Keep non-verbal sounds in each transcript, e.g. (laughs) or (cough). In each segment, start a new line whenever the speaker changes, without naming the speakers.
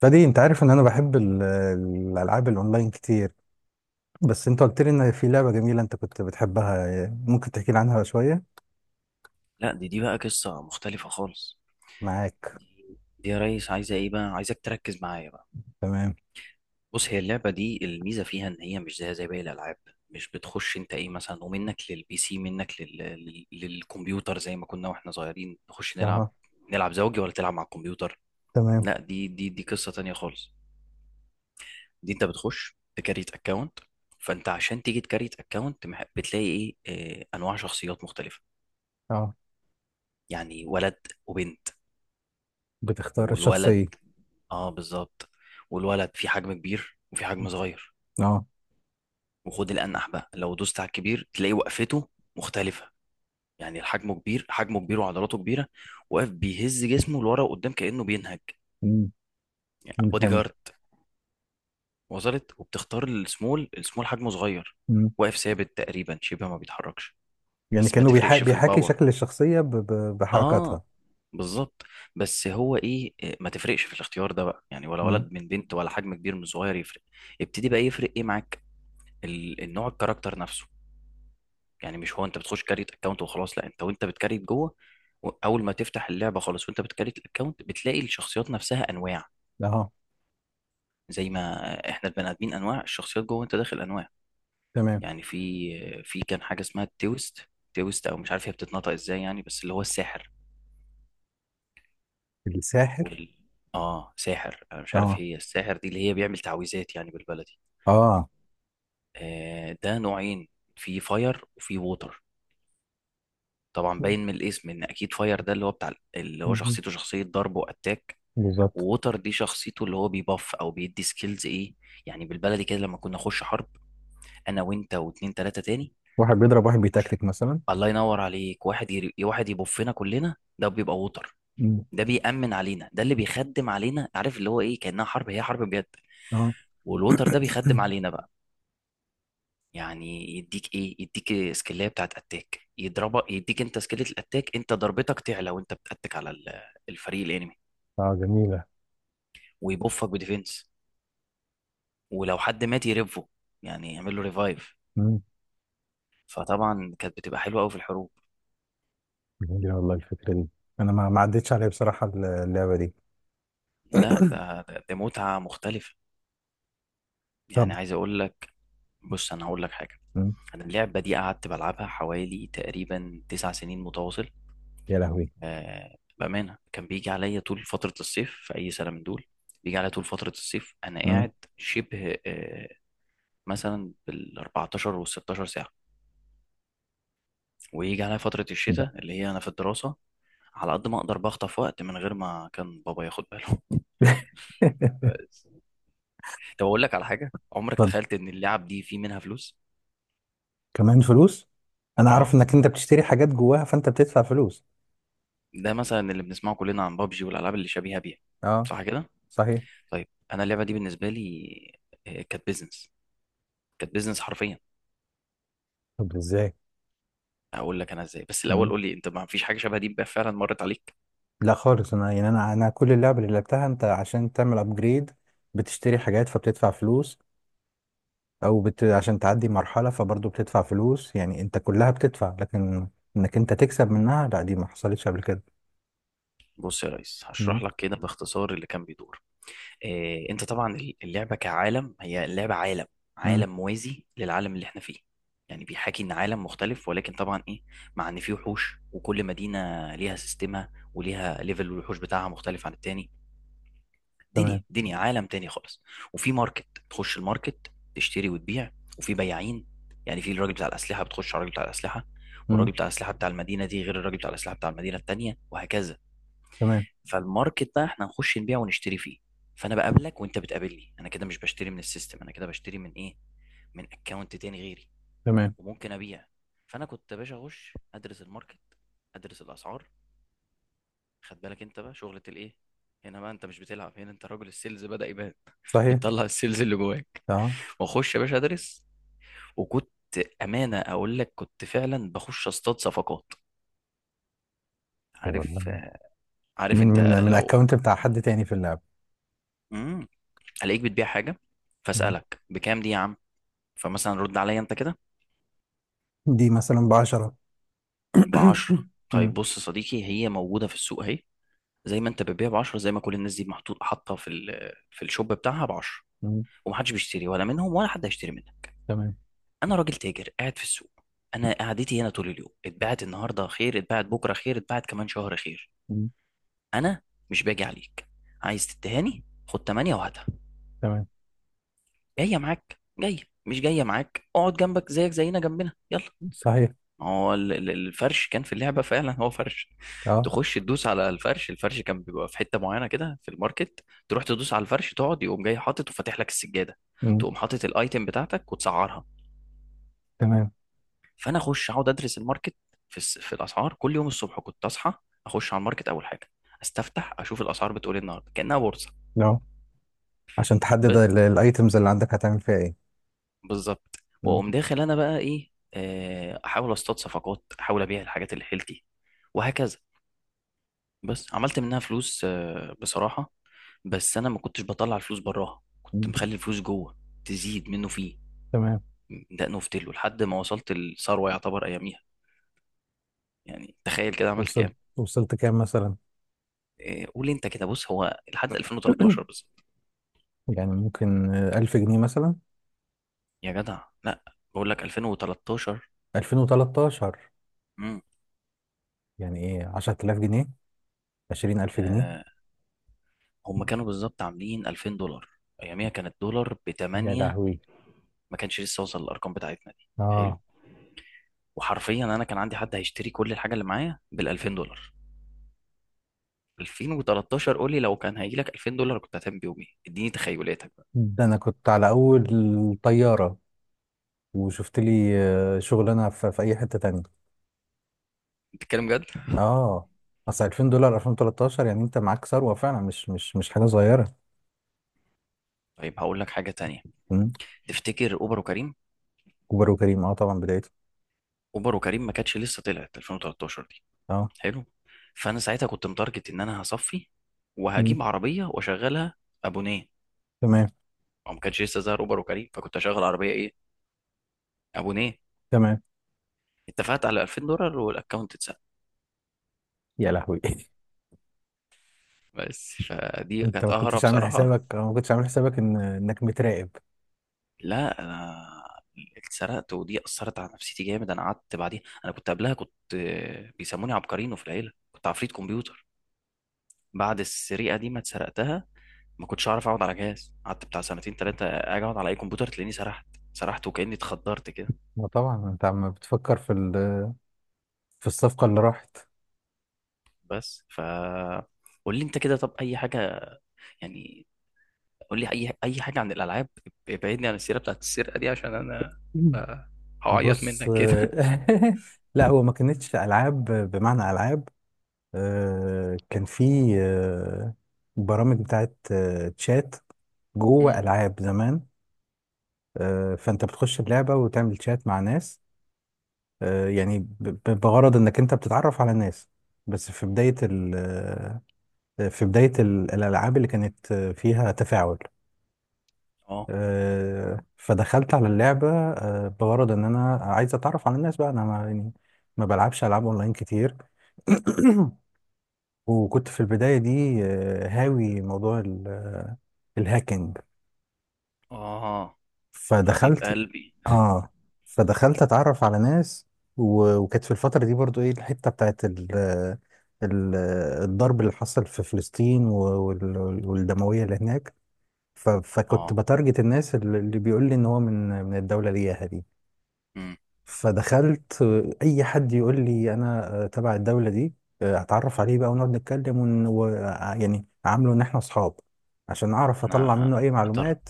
فدي انت عارف ان انا بحب الالعاب الاونلاين كتير. بس انت قلت لي ان في لعبه جميله انت كنت بتحبها، ممكن تحكي لي عنها شويه؟
لا، دي بقى قصة مختلفة خالص.
معاك.
دي دي يا ريس عايزة ايه بقى، عايزك تركز معايا بقى.
تمام.
بص، هي اللعبة دي الميزة فيها ان هي مش زيها زي باقي الالعاب. مش بتخش انت ايه مثلا ومنك للبي سي، للكمبيوتر زي ما كنا واحنا صغيرين نخش نلعب،
اه،
نلعب زوجي ولا تلعب مع الكمبيوتر.
تمام.
لا، دي قصة تانية خالص. دي انت بتخش تكريت اكونت، فانت عشان تيجي تكريت اكونت بتلاقي ايه انواع شخصيات مختلفة.
اه،
يعني ولد وبنت
بتختار
والولد،
الشخصيه.
اه بالظبط. والولد في حجم كبير وفي حجم صغير.
اه.
وخد الانح بقى، لو دوست على الكبير تلاقي وقفته مختلفه. يعني الحجم كبير، حجمه كبير وعضلاته كبيره، واقف بيهز جسمه لورا وقدام كانه بينهج.
مم.
يعني
مم،
بودي
حمل.
جارد. وصلت؟ وبتختار السمول، السمول حجمه صغير،
مم.
واقف ثابت تقريبا شبه ما بيتحركش،
يعني
بس ما
كانه
تفرقش في
بيحاكي
الباور.
شكل الشخصيه
اه
بحركاتها.
بالظبط. بس هو ايه ما تفرقش في الاختيار ده بقى، يعني ولا
مم.
ولد من بنت ولا حجم كبير من صغير يفرق. ابتدي بقى يفرق ايه معاك، النوع، الكاركتر نفسه. يعني مش هو انت بتخش كاريت اكونت وخلاص، لا، انت وانت بتكاريت جوه، اول ما تفتح اللعبه خالص وانت بتكاريت الاكونت بتلاقي الشخصيات نفسها انواع،
اه،
زي ما احنا البني ادمين انواع، الشخصيات جوه انت داخل انواع.
تمام.
يعني في كان حاجه اسمها التويست، تويست او مش عارف هي بتتنطق ازاي، يعني بس اللي هو الساحر.
الساحر.
وال اه ساحر، انا مش عارف
اه.
هي الساحر دي اللي هي بيعمل تعويذات يعني بالبلدي.
اه.
آه، ده نوعين، في فاير وفي ووتر. طبعا باين من الاسم ان اكيد فاير ده اللي هو بتاع اللي هو
مم،
شخصيته، شخصيه ضرب واتاك.
بالظبط.
ووتر دي شخصيته اللي هو بيباف او بيدي سكيلز ايه، يعني بالبلدي كده لما كنا نخش حرب، انا وانت واتنين تلاته تاني،
واحد بيضرب واحد
خش.
بيتكتك مثلا.
الله ينور عليك، واحد يبفنا كلنا ده بيبقى ووتر.
مم.
ده بيأمن علينا، ده اللي بيخدم علينا، عارف اللي هو ايه، كأنها حرب، هي حرب بجد.
اه.
والووتر ده بيخدم علينا بقى، يعني يديك ايه، يديك سكيلية بتاعت اتاك يضربك، يديك انت سكيلة الاتاك انت ضربتك تعلى وانت بتاتك على الفريق الانمي.
اه، جميله.
ويبوفك بديفنس، ولو حد مات يرفه، يعني يعمل له ريفايف. فطبعا كانت بتبقى حلوه قوي في الحروب.
جميلة والله الفكرة دي. أنا ما عدتش عليا بصراحة اللعبة دي.
لا، ده متعة مختلفة. يعني
طب.
عايز اقول لك، بص انا هقول لك حاجة.
مم.
انا اللعبة دي قعدت بلعبها حوالي تقريبا 9 سنين متواصل.
يا لهوي.
بأمانة كان بيجي عليا طول فترة الصيف في أي سنة من دول. بيجي عليا طول فترة الصيف أنا
مم.
قاعد شبه مثلا بال 14 وال 16 ساعة. ويجي عليا فترة
لا.
الشتاء اللي هي أنا في الدراسة، على قد ما أقدر بخطف وقت من غير ما كان بابا ياخد باله.
(laughs)
(laughs) بس. طب أقول لك على حاجة، عمرك
اتفضل.
تخيلت إن اللعب دي في منها فلوس؟
كمان فلوس؟ أنا أعرف
أه،
إنك أنت بتشتري حاجات جواها فأنت بتدفع فلوس.
ده مثلا اللي بنسمعه كلنا عن بابجي والألعاب اللي شبيهة بيها،
أه،
صح كده؟
صحيح.
طيب. أنا اللعبة دي بالنسبة لي كانت بيزنس، كانت بيزنس حرفيا.
طب إزاي؟
هقول لك انا ازاي، بس الاول
مم.
قول لي انت، ما فيش حاجه شبه دي بقى فعلا مرت عليك؟
لا خالص، أنا يعني أنا كل اللعبة اللي لعبتها أنت عشان تعمل أبجريد بتشتري حاجات فبتدفع فلوس، أو عشان تعدي مرحلة فبرضه بتدفع فلوس، يعني أنت كلها بتدفع، لكن إنك أنت تكسب منها لا، دي ما حصلتش قبل كده.
بص يا ريس
مم.
هشرح لك كده باختصار اللي كان بيدور إيه. انت طبعا اللعبه كعالم، هي اللعبه عالم،
مم.
عالم موازي للعالم اللي احنا فيه، يعني بيحاكي ان عالم مختلف، ولكن طبعا ايه، مع ان فيه وحوش، وكل مدينه ليها سيستمها وليها ليفل الوحوش بتاعها مختلف عن التاني. دنيا،
تمام.
دنيا، عالم تاني خالص. وفي ماركت، تخش الماركت تشتري وتبيع، وفي بياعين. يعني في الراجل بتاع الأسلحة، بتخش على الراجل بتاع الأسلحة. والراجل
مم.
بتاع الأسلحة بتاع المدينة دي غير الراجل بتاع الأسلحة بتاع المدينة التانية، وهكذا.
تمام.
فالماركت بقى احنا نخش نبيع ونشتري فيه. فأنا بقابلك وأنت بتقابلني، أنا كده مش بشتري من السيستم، أنا كده بشتري من إيه، من أكونت تاني غيري،
تمام.
وممكن أبيع. فأنا كنت يا باشا أخش أدرس الماركت، أدرس الأسعار. خد بالك أنت بقى، شغلة الإيه هنا بقى، أنت مش بتلعب هنا، أنت راجل السيلز بدأ يبان،
صحيح.
بتطلع السيلز اللي جواك.
اه.
واخش يا باشا ادرس. وكنت امانه اقول لك كنت فعلا بخش اصطاد صفقات.
طب
عارف،
والله.
عارف
من
انت
من من
لو
اكونت بتاع حد تاني في اللعبة.
امم الاقيك بتبيع حاجه،
مم.
فاسالك بكام دي يا عم. فمثلا رد عليا انت كده
دي مثلا ب 10.
ب
(coughs)
10. طيب
مم.
بص يا صديقي، هي موجوده في السوق اهي، زي ما انت بتبيع ب 10 زي ما كل الناس دي محطوط، حاطه في الشوب بتاعها ب 10،
مم.
ومحدش بيشتري ولا منهم، ولا حد هيشتري منها.
تمام.
انا راجل تاجر قاعد في السوق، انا قعدتي هنا طول اليوم، اتباعت النهارده خير، اتباعت بكره خير، اتباعت كمان شهر خير.
مم.
انا مش باجي عليك. عايز تتهاني خد 8 وهاتها،
تمام.
جايه معاك جايه، مش جايه معاك اقعد جنبك، زيك زينا جنبنا، يلا.
صحيح.
ما هو الفرش كان في اللعبه فعلا، هو فرش.
اه.
تخش تدوس على الفرش، الفرش كان بيبقى في حته معينه كده في الماركت، تروح تدوس على الفرش تقعد، يقوم جاي حاطط وفاتح لك السجاده،
مم.
تقوم حاطط الايتم بتاعتك وتسعرها.
تمام.
فانا اخش اقعد ادرس الماركت في الاسعار. كل يوم الصبح كنت اصحى اخش على الماركت اول حاجه استفتح اشوف الاسعار بتقول ايه النهارده، كانها بورصه.
لا، عشان تحدد
ب-
الايتمز اللي عندك هتعمل فيها ايه.
بالظبط.
مم.
واقوم داخل انا بقى ايه احاول اصطاد صفقات، احاول ابيع الحاجات اللي حيلتي، وهكذا. بس عملت منها فلوس بصراحه، بس انا ما كنتش بطلع الفلوس براها، كنت
مم.
مخلي الفلوس جوه تزيد منه فيه،
تمام.
دقنه في تله لحد ما وصلت الثروه يعتبر اياميها. يعني تخيل كده عملت كام؟
وصلت، وصلت كام مثلا؟
قول لي انت كده. بص هو لحد
(coughs)
2013 بس.
يعني ممكن 1000 جنيه مثلا.
يا جدع لا، بقول لك 2013.
2013،
امم
يعني ايه، 10000 جنيه، 20000 جنيه.
آه، هم كانوا بالظبط عاملين 2000$. اياميها كان الدولار ب
يا
8،
لهوي.
ما كانش لسه وصل للارقام بتاعتنا دي، حلو.
اه.
وحرفيا انا كان عندي حد هيشتري كل الحاجه اللي معايا بال 2000$. 2013، قول لي لو كان هيجي لك 2000$ كنت هتعمل بيهم ايه، اديني تخيلاتك بقى.
ده انا كنت على اول طياره وشفت لي شغلانه في, في اي حته تانية.
بتتكلم جد؟
اه، اصل 2000 دولار 2013 يعني انت معاك ثروه فعلا، مش حاجه صغيره.
طيب هقول لك حاجه تانية.
مم.
تفتكر اوبر وكريم؟
كبر وكريم، اه طبعا بدايته.
اوبر وكريم ما كانتش لسه طلعت 2013،
اه.
حلو. فانا ساعتها كنت متارجت ان انا هصفي
مم.
وهجيب عربيه واشغلها ابونيه،
تمام.
او ما كانش لسه ظهر اوبر وكريم، فكنت اشغل عربيه ايه، ابونيه.
تمام.
اتفقت على 2000$ والاكونت اتسرق.
يا لهوي. (laughs)
بس فدي
انت
كانت
ما
اهرب
كنتش عامل
بصراحه.
حسابك، أو ما كنتش عامل حسابك ان انك متراقب؟
لا انا اتسرقت، ودي اثرت على نفسيتي جامد. انا قعدت بعديها، انا كنت قبلها كنت بيسموني عبقرينو في العيله، كنت عفريت كمبيوتر. بعد السرقه دي ما اتسرقتها، ما كنتش اعرف اقعد على جهاز، قعدت بتاع سنتين ثلاثه اجي اقعد على اي كمبيوتر تلاقيني سرحت، سرحت وكاني اتخدرت كده.
ما طبعا انت عم بتفكر في في الصفقه اللي راحت.
بس ف قول لي انت كده، طب اي حاجه يعني، قول لي اي حاجه عن الالعاب، ابعدني عن السيره بتاعت السرقه دي، عشان انا
مم.
آه، هعيط
بص. (laughs)
منك كده.
لا، هو ما كانتش العاب بمعنى العاب، كان في آه، برامج بتاعت تشات
(laughs) مم.
جوه ألعاب زمان. فأنت بتخش اللعبة وتعمل تشات مع ناس، يعني بغرض إنك أنت بتتعرف على ناس. بس في بداية ال آه، في بداية الألعاب اللي كانت فيها تفاعل،
اه.
فدخلت على اللعبة بغرض إن أنا عايز أتعرف على الناس. بقى أنا ما يعني ما بلعبش ألعاب أونلاين كتير. (clears throat) وكنت في البداية دي هاوي موضوع الهاكينج.
اه، حبيب
فدخلت.
قلبي.
اه. فدخلت اتعرف على ناس. وكانت في الفترة دي برضو ايه الحتة بتاعت ال... آه، ال... آه، الضرب اللي حصل في فلسطين والدموية اللي هناك. فكنت
اه.
بتارجت الناس اللي بيقول لي ان هو من الدولة اللي هي دي.
مم.
فدخلت، اي حد يقول لي انا تبع الدوله دي اتعرف عليه بقى ونقعد نتكلم ون... و... آه، يعني عامله ان احنا اصحاب عشان اعرف اطلع
انا
منه اي
متر
معلومات.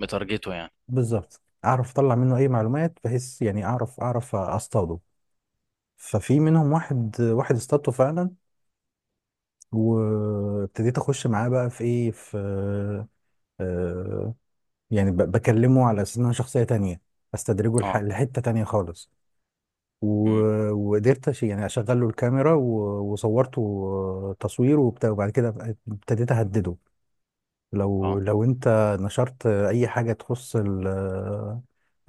مترجته يعني.
بالظبط، اعرف اطلع منه اي معلومات بحيث يعني اعرف اصطاده. ففي منهم واحد، واحد اصطادته فعلا، وابتديت اخش معاه بقى في ايه في آه، يعني بكلمه على اساس ان انا شخصيه تانية، استدرجه
اه.
لحته تانية خالص،
مم.
وقدرت يعني اشغل له الكاميرا وصورته تصوير وبتاع، وبعد كده بقى ابتديت اهدده لو
اه،
لو انت نشرت اي حاجه تخص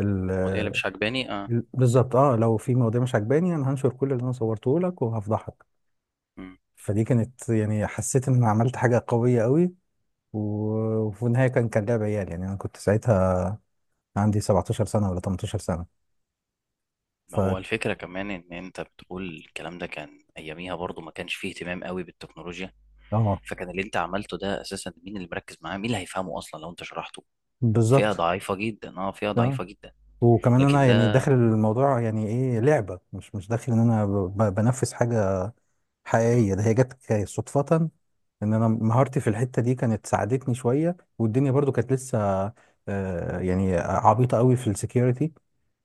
ال
المواضيع اللي مش عجباني، اه.
بالظبط، اه، لو في مواضيع مش عجباني انا هنشر كل اللي انا صورته لك وهفضحك.
مم.
فدي كانت يعني حسيت ان أنا عملت حاجه قويه قوي، وفي النهايه كان لعب عيال. يعني انا كنت ساعتها عندي 17 سنه ولا 18 سنه. ف.
ما هو الفكره كمان ان انت بتقول الكلام ده كان اياميها، برضو ما كانش فيه اهتمام قوي بالتكنولوجيا،
اه،
فكان اللي انت عملته ده اساسا مين اللي مركز معاه، مين اللي هيفهمه اصلا لو انت شرحته، فئة
بالظبط.
ضعيفة جدا، اه فئة
اه،
ضعيفة جدا.
وكمان انا
لكن
يعني
ده،
داخل الموضوع يعني ايه لعبه، مش داخل ان انا بنفذ حاجه
مم.
حقيقيه. ده هي جت صدفه ان انا مهارتي في الحته دي كانت ساعدتني شويه، والدنيا برضو كانت لسه يعني عبيطه قوي في السكيورتي.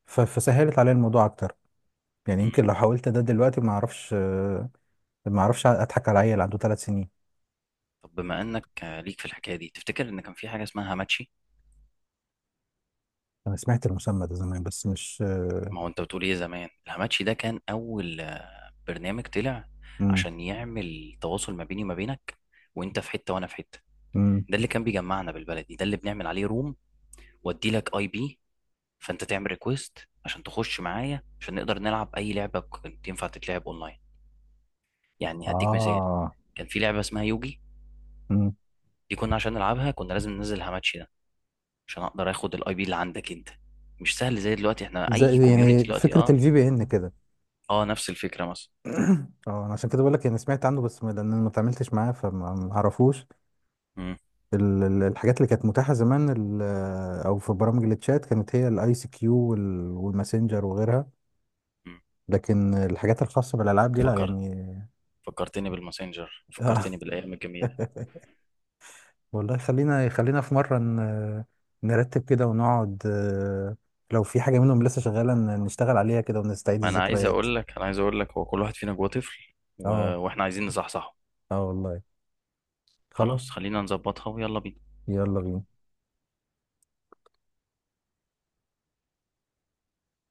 فسهلت عليا الموضوع اكتر. يعني
مم.
يمكن لو حاولت ده دلوقتي ما اعرفش، ما اعرفش اضحك على عيل عنده 3 سنين.
طب بما انك ليك في الحكاية دي، تفتكر ان كان في حاجة اسمها هاماتشي؟
انا سمعت المسمى ده زمان بس مش.
ما هو انت بتقول ايه، زمان الهاماتشي ده كان اول برنامج طلع
امم.
عشان يعمل تواصل ما بيني وما بينك، وانت في حتة وانا في حتة.
امم.
ده اللي كان بيجمعنا، بالبلدي ده اللي بنعمل عليه روم، وادي لك اي بي، فانت تعمل ريكويست عشان تخش معايا، عشان نقدر نلعب اي لعبة كنت ينفع تتلعب اونلاين. يعني هديك مثال،
اه.
كان في لعبة اسمها يوجي.
امم.
دي كنا عشان نلعبها كنا لازم ننزل هاماتشي ده، عشان اقدر اخد الاي بي اللي عندك انت، مش سهل زي دلوقتي احنا اي
زي يعني
كوميونتي دلوقتي،
فكره
اه.
الفي بي ان كده؟
اه نفس الفكره مثلا.
اه، انا عشان كده بقول لك انا سمعت عنه، بس لان انا ما اتعاملتش معاه فما ما اعرفوش.
امم.
الحاجات اللي كانت متاحه زمان، او في برامج التشات، كانت هي الاي سي كيو والماسنجر وغيرها.
أمم.
لكن الحاجات الخاصه بالالعاب دي لا،
فكرت،
يعني.
فكرتني بالماسنجر،
آه.
فكرتني بالايام الجميله.
(laughs) والله، خلينا في مره نرتب كده ونقعد، لو في حاجه منهم لسه شغاله نشتغل عليها كده ونستعيد
ما انا عايز
الذكريات.
اقول لك، انا عايز اقول لك هو كل واحد فينا جواه طفل
اه.
واحنا عايزين نصحصحه.
اه والله.
خلاص
خلاص.
خلينا نظبطها، ويلا بينا.
يلا بينا.